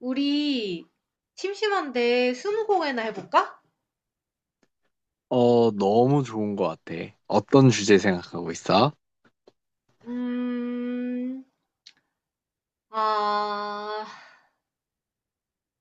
우리 심심한데 스무고개나 해볼까? 어, 너무 좋은 것 같아. 어떤 주제 생각하고 있어? 음, 아,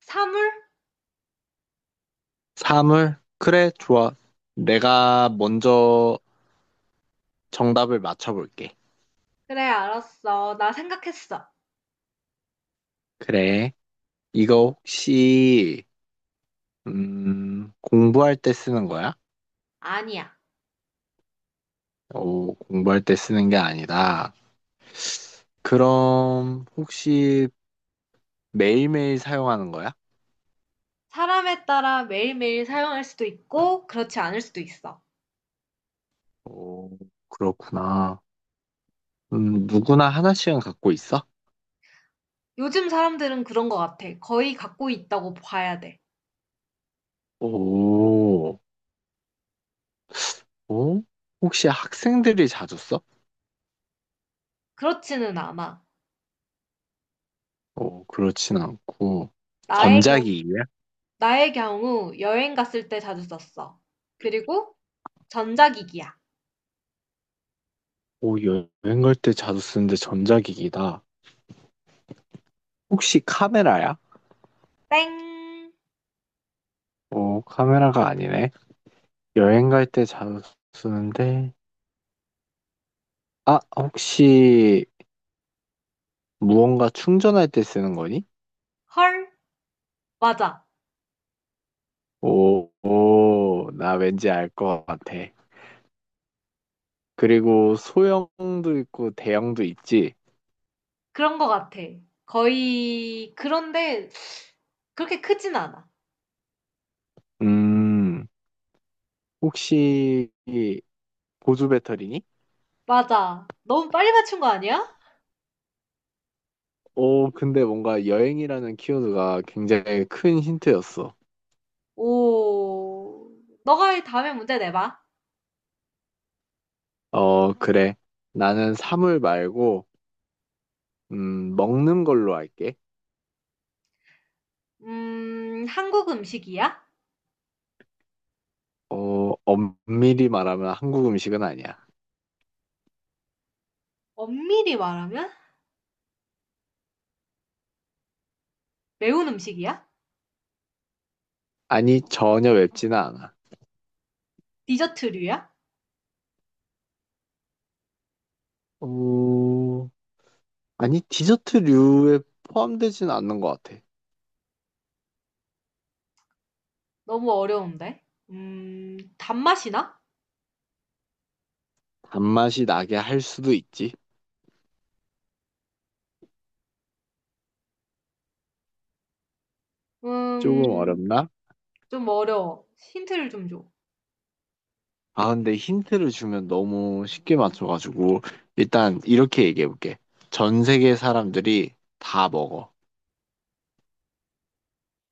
사물? 사물? 그래, 좋아. 내가 먼저 정답을 맞춰볼게. 그래, 알았어. 나 생각했어. 그래. 이거 혹시, 공부할 때 쓰는 거야? 아니야. 오, 공부할 때 쓰는 게 아니다. 그럼, 혹시 매일매일 사용하는 거야? 사람에 따라 매일매일 사용할 수도 있고, 그렇지 않을 수도 있어. 오, 그렇구나. 누구나 하나씩은 갖고 있어? 요즘 사람들은 그런 것 같아. 거의 갖고 있다고 봐야 돼. 오, 오? 혹시 학생들이 자주 써? 그렇지는 않아. 어, 그렇진 않고 나의 경우, 전자기기야? 나의 경우 여행 갔을 때 자주 썼어. 그리고 전자기기야. 오, 여행 갈 때 자주 쓰는데 전자기기다. 혹시 카메라야? 땡. 오, 카메라가 아니네. 여행 갈 때 자주 쓰는데 아, 혹시 무언가 충전할 때 쓰는 거니? 헐. 맞아. 오, 오, 나 왠지 알 것 같아. 그리고 소형도 있고 대형도 있지. 그런 것 같아. 거의 그런데 그렇게 크진 않아. 음, 혹시 보조 배터리니? 맞아. 너무 빨리 맞춘 거 아니야? 오, 근데 뭔가 여행이라는 키워드가 굉장히 큰 힌트였어. 오, 너가 다음에 문제 내봐. 어, 그래. 나는 사물 말고, 먹는 걸로 할게. 한국 음식이야? 어, 엄밀히 말하면 한국 음식은 아니야. 엄밀히 말하면? 매운 음식이야? 아니, 전혀 맵지는 않아. 디저트류야? 어, 아니, 디저트류에 포함되지는 않는 것 같아. 너무 어려운데. 단맛이 나? 단맛이 나게 할 수도 있지. 조금 음, 어렵나? 좀 어려워. 힌트를 좀 줘. 아, 근데 힌트를 주면 너무 쉽게 맞춰가지고, 일단 이렇게 얘기해볼게. 전 세계 사람들이 다 먹어.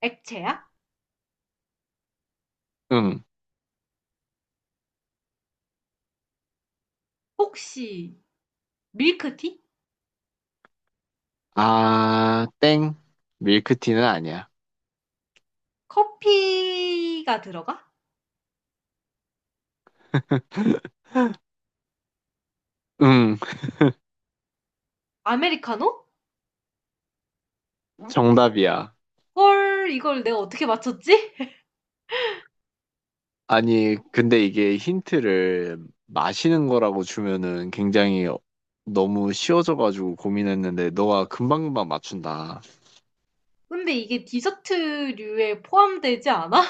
액체야? 응. 혹시 밀크티? 아, 땡. 밀크티는 아니야. 커피가 들어가? 응, 아메리카노? 정답이야. 헐 이걸 내가 어떻게 맞췄지? 아니, 근데 이게 힌트를 마시는 거라고 주면은 굉장히 너무 쉬워져가지고 고민했는데 너가 금방금방 맞춘다. 근데 이게 디저트류에 포함되지 않아?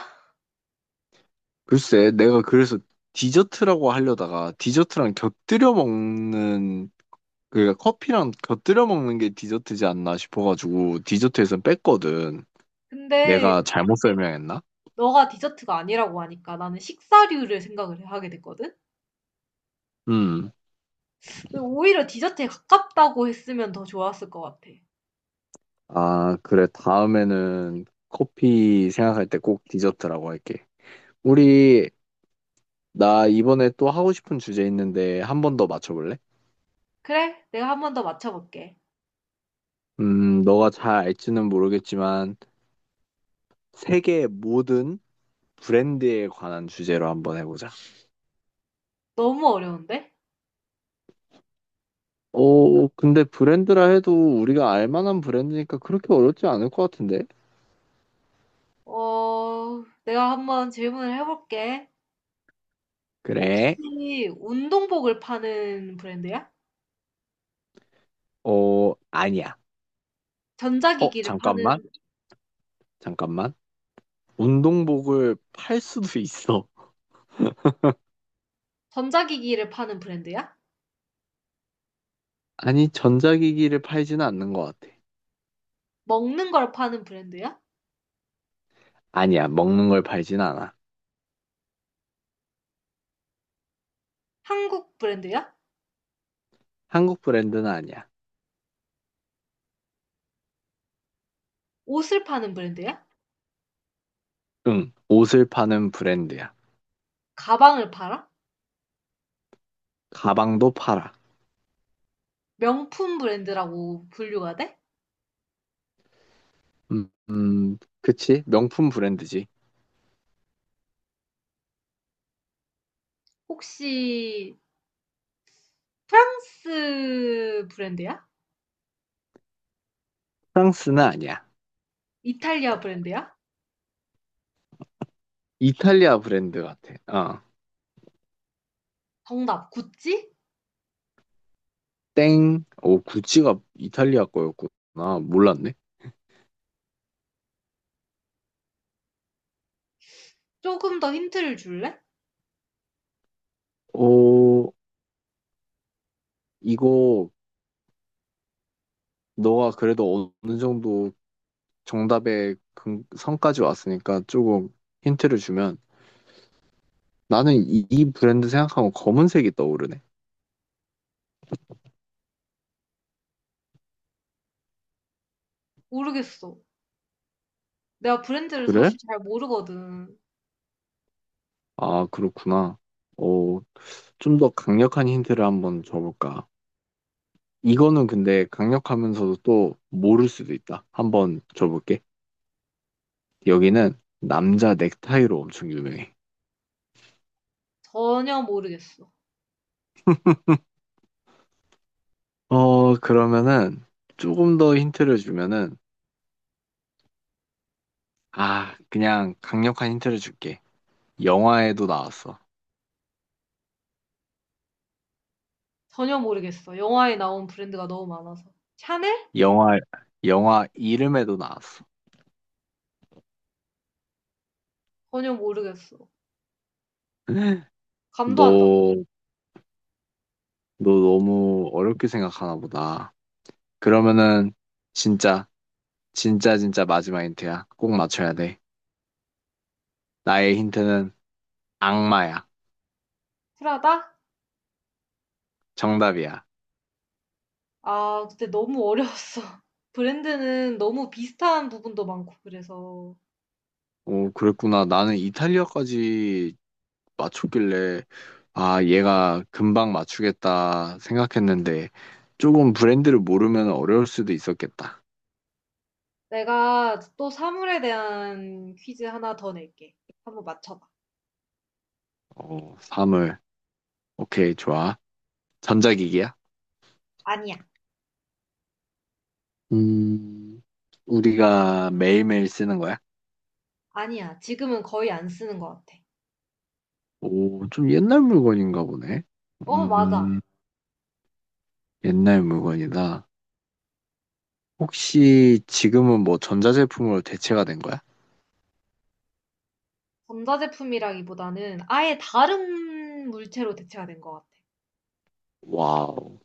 글쎄, 내가 그래서 디저트라고 하려다가 디저트랑 곁들여 먹는, 그러니까 커피랑 곁들여 먹는 게 디저트지 않나 싶어가지고 디저트에선 뺐거든. 근데 내가 잘못 설명했나? 너가 디저트가 아니라고 하니까 나는 식사류를 생각을 하게 됐거든? 음. 근데 오히려 디저트에 가깝다고 했으면 더 좋았을 것 같아. 아, 그래. 다음에는 커피 생각할 때 꼭 디저트라고 할게. 우리 나 이번에 또 하고 싶은 주제 있는데 한 번 더 맞춰볼래? 그래? 내가 한 번 더 맞춰볼게. 너가 잘 알지는 모르겠지만 세계 모든 브랜드에 관한 주제로 한번 해보자. 너무 어려운데? 오, 근데 브랜드라 해도 우리가 알 만한 브랜드니까 그렇게 어렵지 않을 것 같은데? 어, 내가 한 번 질문을 해볼게. 그래. 혹시 운동복을 파는 브랜드야? 어, 아니야. 어, 전자기기를 잠깐만. 파는, 잠깐만. 운동복을 팔 수도 있어. 전자기기를 파는 브랜드야? 아니, 전자기기를 팔지는 않는 것 같아. 먹는 걸 파는 브랜드야? 아니야, 먹는 걸 팔진 않아. 한국 브랜드야? 한국 브랜드는 아니야. 옷을 파는 브랜드야? 응, 옷을 파는 브랜드야. 가방을 팔아? 가방도 팔아. 명품 브랜드라고 분류가 돼? 그치? 명품 브랜드지. 혹시 프랑스 브랜드야? 프랑스는 아니야. 이탈리아 브랜드야? 이탈리아 브랜드 같아. 어. 정답, 구찌? 땡. 오, 구찌가 이탈리아 거였구나. 몰랐네. 조금 더 힌트를 줄래? 오, 이거 너가 그래도 어느 정도 정답의 선까지 왔으니까 조금 힌트를 주면 나는 이 브랜드 생각하면 검은색이 떠오르네. 모르겠어. 내가 브랜드를 그래? 사실 잘 모르거든. 아, 그렇구나. 오, 좀 더 강력한 힌트를 한번 줘볼까? 이거는 근데 강력하면서도 또 모를 수도 있다. 한번 줘볼게. 여기는 남자 넥타이로 엄청 유명해. 전혀 모르겠어. 어, 그러면은 조금 더 힌트를 주면은 아, 그냥 강력한 힌트를 줄게. 영화에도 나왔어. 전혀 모르겠어. 영화에 나온 브랜드가 너무 많아서. 샤넬? 영화, 영화 이름에도 나왔어. 전혀 모르겠어. 감도 너, 안 잡고. 너 너무 어렵게 생각하나 보다. 그러면은 진짜, 진짜, 진짜 마지막 힌트야. 꼭 맞춰야 돼. 나의 힌트는 악마야. 프라다? 정답이야. 아, 근데 너무 어려웠어. 브랜드는 너무 비슷한 부분도 많고, 그래서. 어, 그랬구나. 나는 이탈리아까지 맞췄길래, 아, 얘가 금방 맞추겠다 생각했는데, 조금 브랜드를 모르면 어려울 수도 있었겠다. 내가 또 사물에 대한 퀴즈 하나 더 낼게. 한번 맞춰봐. 어, 사물. 오케이, 좋아. 전자기기야? 아니야. 음, 우리가 매일매일 쓰는 거야? 아니야. 지금은 거의 안 쓰는 것 같아. 오, 좀 옛날 물건인가 보네. 어, 맞아. 어, 음, 옛날 물건이다. 혹시 지금은 뭐 전자제품으로 대체가 된 거야? 전자제품이라기보다는 아예 다른 물체로 대체가 된 것 같아. 와우,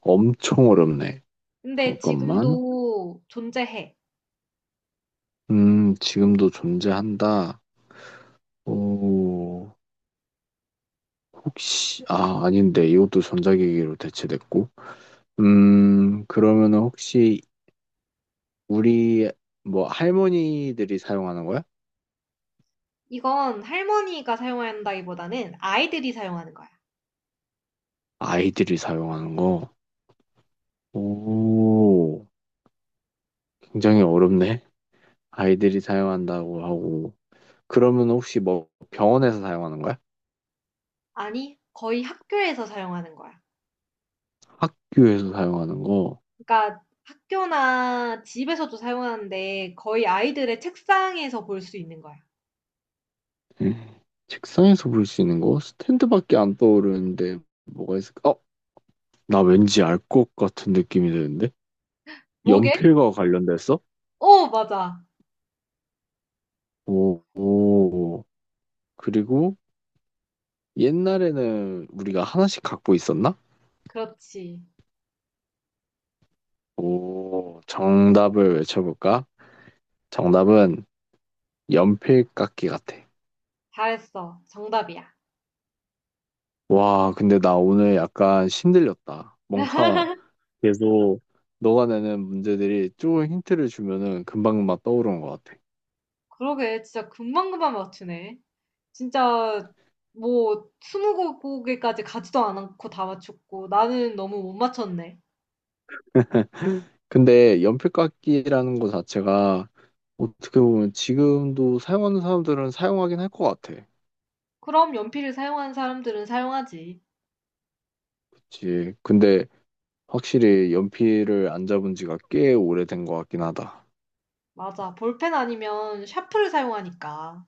엄청 어렵네. 근데 잠깐만. 지금도 존재해. 지금도 존재한다. 오, 혹시, 아, 아닌데, 이것도 전자기기로 대체됐고. 그러면은 혹시 우리, 뭐, 할머니들이 사용하는 거야? 이건 할머니가 사용한다기보다는 아이들이 사용하는 거야. 아이들이 사용하는 거? 오, 굉장히 어렵네. 아이들이 사용한다고 하고. 그러면 혹시 뭐, 병원에서 사용하는 거야? 아니, 거의 학교에서 사용하는 거야. 학교에서 사용하는 거? 그러니까 학교나 집에서도 사용하는데 거의 아이들의 책상에서 볼 수 있는 거야. 음, 책상에서 볼 수 있는 거? 스탠드밖에 안 떠오르는데, 뭐가 있을까? 어, 나 왠지 알 것 같은 느낌이 드는데? 뭐게? 연필과 관련됐어? 어, 맞아. 오, 오. 그리고 옛날에는 우리가 하나씩 갖고 있었나? 그렇지. 오, 정답을 외쳐볼까? 정답은 연필깎이 같아. 잘했어. 정답이야. 와, 근데 나 오늘 약간 힘들렸다 뭔가 계속 너가 내는 문제들이 조금 힌트를 주면은 금방금방 떠오르는 것 같아. 그러게, 진짜 금방금방 맞추네. 진짜 뭐 스무 곡에까지 가지도 않고 다 맞췄고 나는 너무 못 맞췄네. 근데 연필 깎기라는 거 자체가 어떻게 보면 지금도 사용하는 사람들은 사용하긴 할 것 같아. 그럼 연필을 사용하는 사람들은 사용하지. 그치. 근데 확실히 연필을 안 잡은 지가 꽤 오래된 것 같긴 하다. 맞아. 볼펜 아니면 샤프를 사용하니까.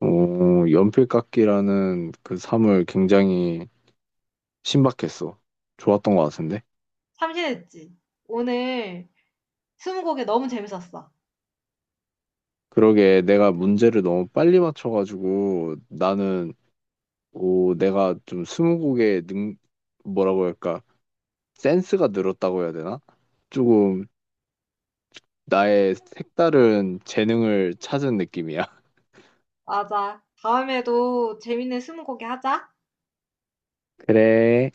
어, 연필 깎기라는 그 삶을 굉장히 신박했어. 좋았던 것 같은데. 참신했지. 오늘 스무곡에 너무 재밌었어. 그러게 내가 문제를 너무 빨리 맞춰가지고 나는 오, 내가 좀 스무고개 뭐라고 할까? 센스가 늘었다고 해야 되나? 조금 나의 색다른 재능을 찾은 느낌이야. 맞아. 다음에도 재밌는 스무곡에 하자. 그래.